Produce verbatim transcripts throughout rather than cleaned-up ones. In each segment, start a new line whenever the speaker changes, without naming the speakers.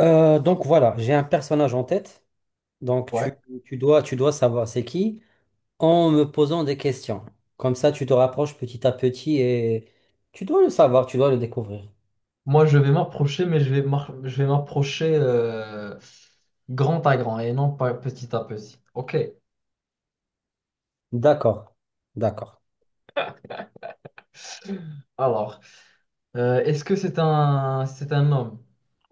Euh, donc voilà, j'ai un personnage en tête. Donc
Ouais.
tu, tu dois, tu dois savoir c'est qui en me posant des questions. Comme ça, tu te rapproches petit à petit et tu dois le savoir, tu dois le découvrir.
Moi, je vais m'approcher, mais je vais m'ar- je vais m'approcher euh, grand à grand et non pas petit à petit. Ok.
D'accord, d'accord.
Alors, euh, est-ce que c'est un, c'est un homme?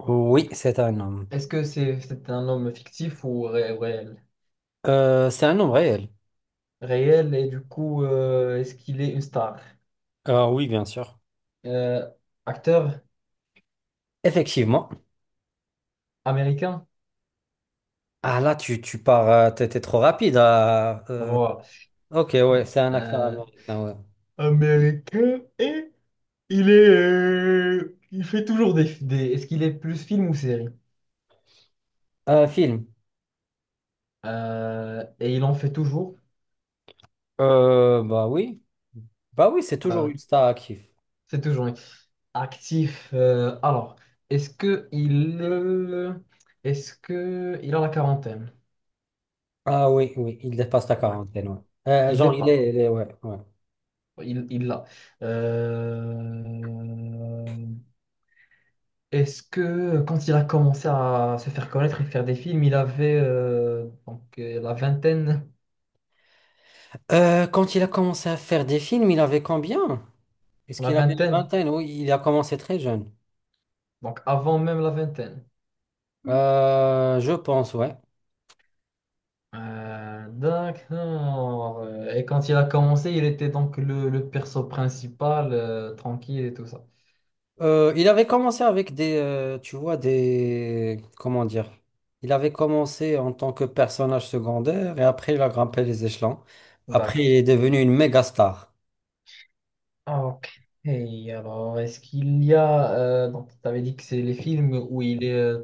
Oui, c'est un homme.
Est-ce que c'est c'est un homme fictif ou ré- réel?
Euh, c'est un homme réel.
Réel, et du coup, euh, est-ce qu'il est une star?
Ah oui, bien sûr.
Euh, acteur
Effectivement.
américain?
Ah là, tu, tu pars, euh, t'es t'es trop rapide. Ah, euh,
Voilà.
ok, ouais, c'est un acteur
Euh,
américain, ouais.
américain et il est, euh, il fait toujours des, des- Est-ce qu'il est plus film ou série?
Euh, film.
Euh, et il en fait toujours.
Euh, bah oui, bah oui, c'est
Euh,
toujours une star active.
c'est toujours lui. Actif. Euh, alors, est-ce que il, euh, est-ce que il a la quarantaine?
Ah oui, oui, il dépasse la
Là.
quarantaine, ouais. Euh,
Il n'est
genre, il
pas.
est, il est- ouais, ouais.
Il, il l'a. Euh, est-ce que quand il a commencé à se faire connaître et faire des films, il avait euh, donc euh, la vingtaine,
Euh, quand il a commencé à faire des films, il avait combien? Est-ce
la
qu'il avait une
vingtaine,
vingtaine? Oui, il a commencé très jeune.
donc avant même la vingtaine.
Euh, je pense, ouais.
Euh, d'accord. Et quand il a commencé, il était donc le, le perso principal, euh, tranquille et tout ça.
Euh, il avait commencé avec des, euh, tu vois, des, comment dire? Il avait commencé en tant que personnage secondaire et après il a grimpé les échelons. Après, il
D'accord.
est devenu une méga star.
Ah, ok. Et alors, est-ce qu'il y a... euh, donc, tu avais dit que c'est les films où il est, euh,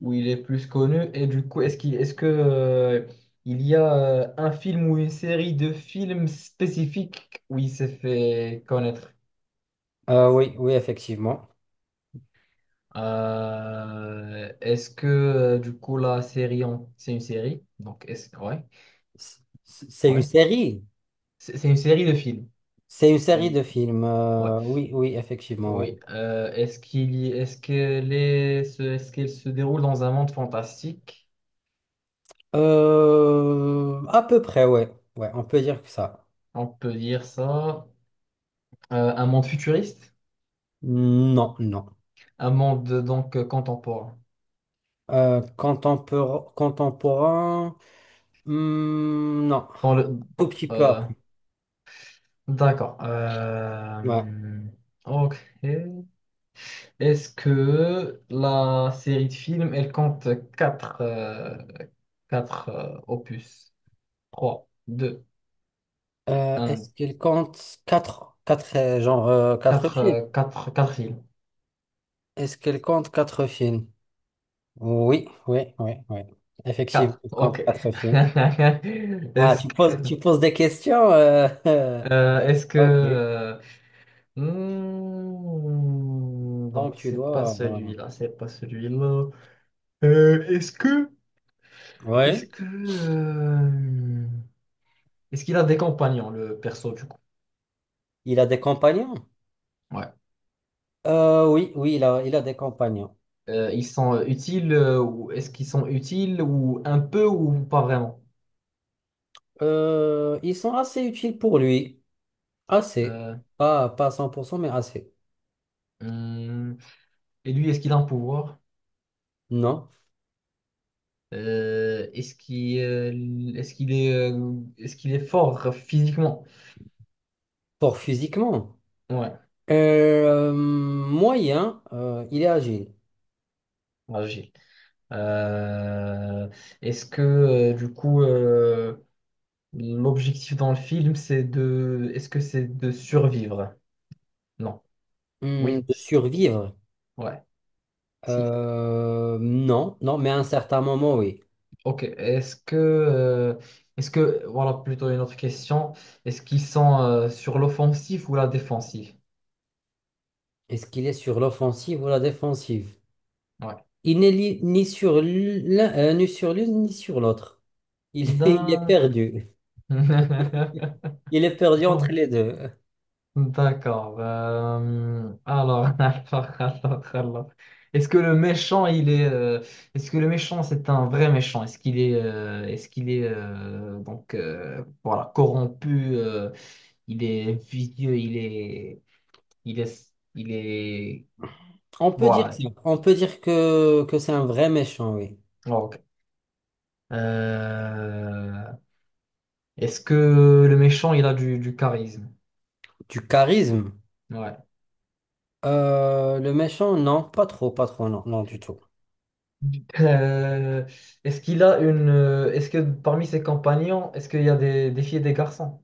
où il est plus connu. Et du coup, est-ce qu'il, est-ce que, euh, il y a euh, un film ou une série de films spécifiques où il s'est fait connaître?
Euh, oui, oui, effectivement.
Euh, est-ce que, euh, du coup, la série, en- c'est une série? Donc, est-ce... Ouais,
C- C'est une
ouais.
série.
C'est c'est une série de films.
C'est une série
Une-
de films.
Ouais.
Euh, oui, oui, effectivement, ouais.
Oui. Euh, est-ce qu'il y- est-ce qu'elle est, ce- est-ce qu'elle se déroule dans un monde fantastique?
Euh, à peu près, ouais. Ouais, on peut dire que ça.
On peut dire ça. Euh, un monde futuriste?
Non, non.
Un monde euh, donc euh, contemporain.
Euh, contempor- contemporain, hmm, non.
Dans le,
Tout
bon,
petit peu
euh,
après.
d'accord. Euh,
Ouais.
ok. Est-ce que la série de films, elle compte quatre euh, quatre, euh, opus? Trois, deux,
Euh, est-ce
un.
qu'elle compte quatre, quatre, euh, genre, euh, quatre
Quatre
films?
euh, quatre quatre films.
Est-ce qu'elle compte quatre films? Oui, oui, oui, oui. Effectivement,
Quatre.
elle
Ok.
compte quatre films. Ah,
Est-ce
tu poses,
que...
tu poses des questions. euh,
Euh, est-ce que...
Ok.
euh, hmm, donc,
Donc, tu
c'est pas
dois. Voilà.
celui-là, c'est pas celui-là. Euh, est-ce que... Est-ce
Oui.
que... euh, est-ce qu'il a des compagnons, le perso, du coup?
Il a des compagnons?
Ouais.
Euh, oui, oui, il a, il a des compagnons.
Euh, ils sont euh, utiles euh, ou est-ce qu'ils sont utiles ou un peu ou pas vraiment?
Euh, ils sont assez utiles pour lui. Assez.
Euh,
Pas, pas à cent, pour cent, mais assez.
hmm, et lui, est-ce qu'il a un pouvoir?
Non.
Euh, est-ce qu'il euh, est-ce qu'il est, euh, est-ce qu'il est fort physiquement?
Pour physiquement.
Ouais,
Euh, moyen, euh, il est agile.
agile. Euh, est-ce que euh, du coup euh, l'objectif dans le film c'est de est-ce que c'est de survivre? Non.
Hum,
Oui.
de
Si.
survivre.
Ouais. Si.
Euh, non, non, mais à un certain moment, oui.
Ok. Est-ce que euh, est-ce que voilà plutôt une autre question. Est-ce qu'ils sont euh, sur l'offensive ou la défensive?
Est-ce qu'il est sur l'offensive ou la défensive?
Ouais.
Il n'est li- ni sur l'un, euh, ni sur l'une, ni sur l'autre. Il, il est
D'accord.
perdu. Il est perdu entre
Ok.
les deux.
D'accord. Euh, alors, alors, alors, alors. Est-ce que le méchant, il est, euh, Est-ce que le méchant, c'est un vrai méchant? Est-ce qu'il est, euh, est-ce qu'il est, euh, donc, euh, voilà, corrompu, euh, il est vicieux, il est, il est, il est,
On peut dire
voilà.
que, on peut dire que, que c'est un vrai méchant, oui.
Ok. Euh, est-ce que le méchant, il a du, du charisme?
Du charisme.
Ouais.
Euh, le méchant, non, pas trop, pas trop, non, non, du tout.
Euh, est-ce qu'il a une. Euh, Est-ce que parmi ses compagnons, est-ce qu'il y a des, des filles et des garçons?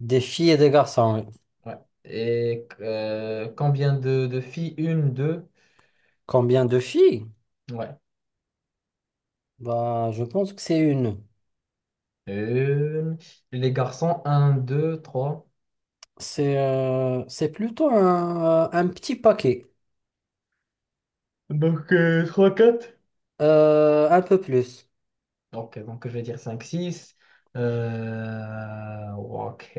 Des filles et des garçons, oui.
Ouais. Et euh, combien de, de filles? Une, deux.
Combien de filles?
Ouais.
Bah, je pense que c'est une.
Une. Les garçons, un, deux, trois.
C'est euh, c'est plutôt un, euh, un petit paquet,
Donc, euh, trois quatre.
Euh, un peu plus.
Ok, donc je vais dire cinq, six. Euh, ok.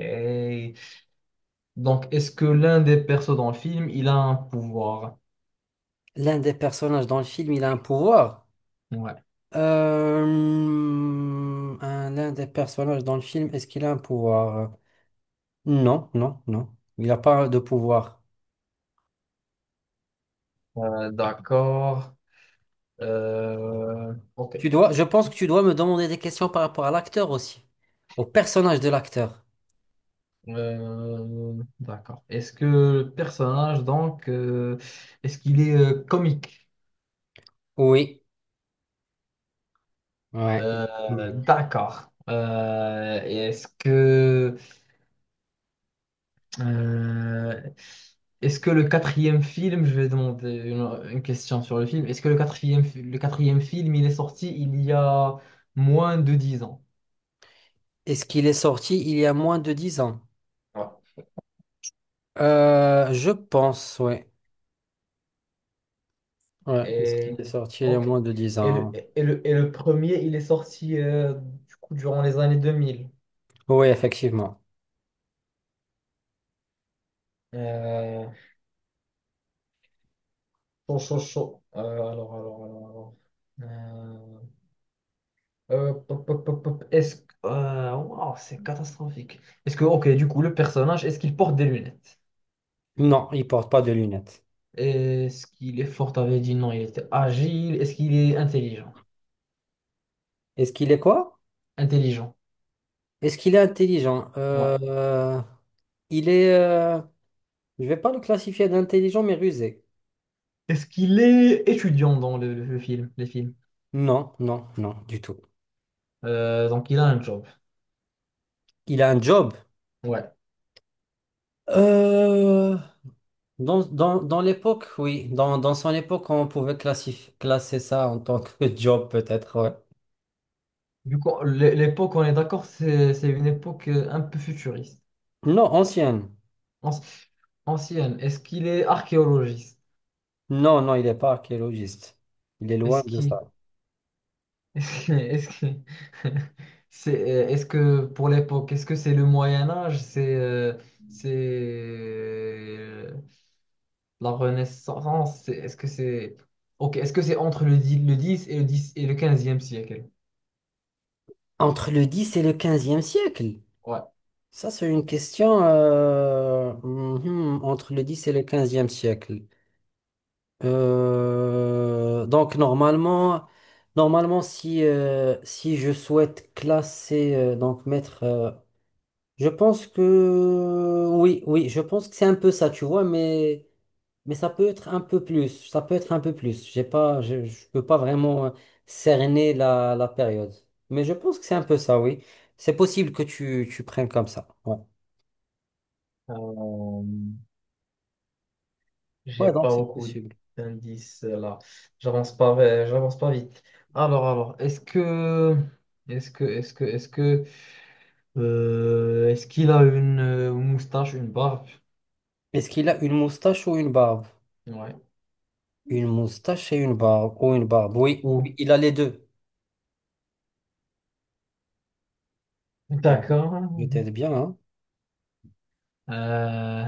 Donc, est-ce que l'un des persos dans le film, il a un pouvoir?
L'un des personnages dans le film, il a un pouvoir.
Ouais.
Euh, un- L'un des personnages dans le film, est-ce qu'il a un pouvoir? Non, non, non. Il n'a pas de pouvoir.
Euh, d'accord. Euh, ok.
Tu dois, je pense que tu dois me demander des questions par rapport à l'acteur aussi, au personnage de l'acteur.
Euh, d'accord. Est-ce que le personnage, donc, euh, est-ce qu'il est euh, comique?
Oui, ouais.
Euh,
Oui.
d'accord. Euh, et est-ce que, euh, est-ce que le quatrième film, je vais demander une, une question sur le film, est-ce que le quatrième, fi- le quatrième film, il est sorti il y a moins de dix ans?
Est-ce qu'il est sorti il y a moins de dix ans?
Ouais.
Euh, je pense, oui. Ouais. Est-ce
Et,
qu'il est sorti il y a
ok.
moins de dix
Et le,
ans?
et le, et le premier, il est sorti euh, du coup, durant les années deux mille.
Oui, effectivement.
Euh, Chaud, chaud, chaud. Euh, alors, alors, alors, alors. Euh, hop, hop, hop, hop, hop. Est-ce que. Euh, wow, c'est catastrophique. Est-ce que, ok, du coup, le personnage, est-ce qu'il porte des lunettes?
Non, il porte pas de lunettes.
Est-ce qu'il est fort? T'avais dit non, il était agile. Est-ce qu'il est intelligent?
Est-ce qu'il est quoi?
Intelligent,
Est-ce qu'il est intelligent?
ouais.
Euh, il est... euh, je vais pas le classifier d'intelligent, mais rusé.
Est-ce qu'il est étudiant dans le, le film, les films?
Non, non, non, du tout.
Euh, donc, il a un job.
Il a un job.
Ouais.
Euh, Dans, dans, dans l'époque, oui. Dans, dans son époque, on pouvait classif- classer ça en tant que job, peut-être, ouais.
Du coup, l'é- l'époque, on est d'accord, c'est c'est une époque euh, un peu futuriste.
Non, ancienne.
Anci- Ancienne. Est-ce qu'il est archéologiste?
Non, non, il n'est pas archéologiste. Il est loin
Est-ce
de
qu'il
ça.
Est-ce que, est-ce que, c'est, euh, est-ce que pour l'époque, est-ce que c'est le Moyen Âge, c'est euh, c'est euh, la Renaissance, c'est- est-ce que c'est ok, est-ce que c'est entre le dix le dix et le dix et le quinzième siècle?
Entre le dix et le quinzième siècle?
Ouais.
Ça, c'est une question. Euh, mhm, entre le dix et le quinzième siècle. Euh, donc, normalement, normalement si, euh, si je souhaite classer, euh, donc mettre. euh, Je pense que oui, oui, je pense que c'est un peu ça, tu vois, mais mais ça peut être un peu plus, ça peut être un peu plus. J'ai pas, je, je peux pas vraiment euh, cerner la, la période, mais je pense que c'est un peu ça, oui. C'est possible que tu, tu prennes comme ça. Ouais,
Euh, j'ai
ouais, donc
pas
c'est
beaucoup
possible.
d'indices euh, là. J'avance pas, euh, j'avance pas vite. Alors, alors, est-ce que est-ce que est-ce que est-ce que euh, est-ce qu'il a une euh, moustache, une barbe?
Est-ce qu'il a une moustache ou une barbe?
Ouais.
Une moustache et une barbe ou une barbe? Oui, oui, il a les deux. Ah,
D'accord.
je t'aide bien, hein?
Euh,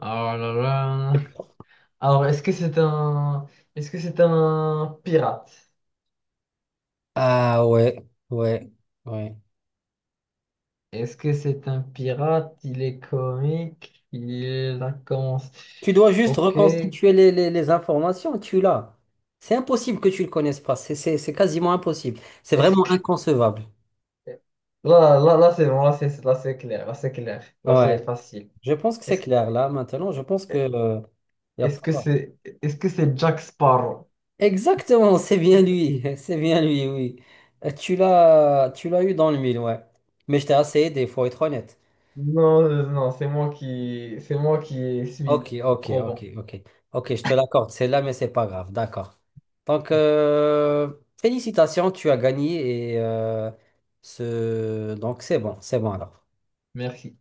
oh là là. Alors, est-ce que c'est un, est-ce que c'est un pirate?
Ah ouais, ouais, ouais.
Est-ce que c'est un pirate? Il est comique. Il a commencé.
Tu dois juste
Ok. Est-ce
reconstituer les, les- les informations, tu l'as. C'est impossible que tu le connaisses pas. C'est c'est- c'est quasiment impossible. C'est vraiment
que
inconcevable.
là, là, là, c'est bon. Là, c'est, là, c'est clair. Là, c'est clair. Là, c'est
Ouais.
facile.
Je pense que c'est
Est-ce,
clair là maintenant. Je pense que euh, il y a
est-ce que
fort.
c'est, est-ce que c'est Jack Sparrow?
Exactement, c'est bien lui. C'est bien lui, oui. Euh, Tu l'as tu l'as eu dans le mille, ouais. Mais je t'ai assez aidé, il faut être honnête.
Non, euh, non, c'est moi qui, c'est moi qui suis
Ok, ok,
trop
ok,
bon.
ok. Ok, je te l'accorde, c'est là, mais c'est pas grave, d'accord. Donc, euh, félicitations, tu as gagné et euh, ce... donc c'est bon, c'est bon alors.
Merci.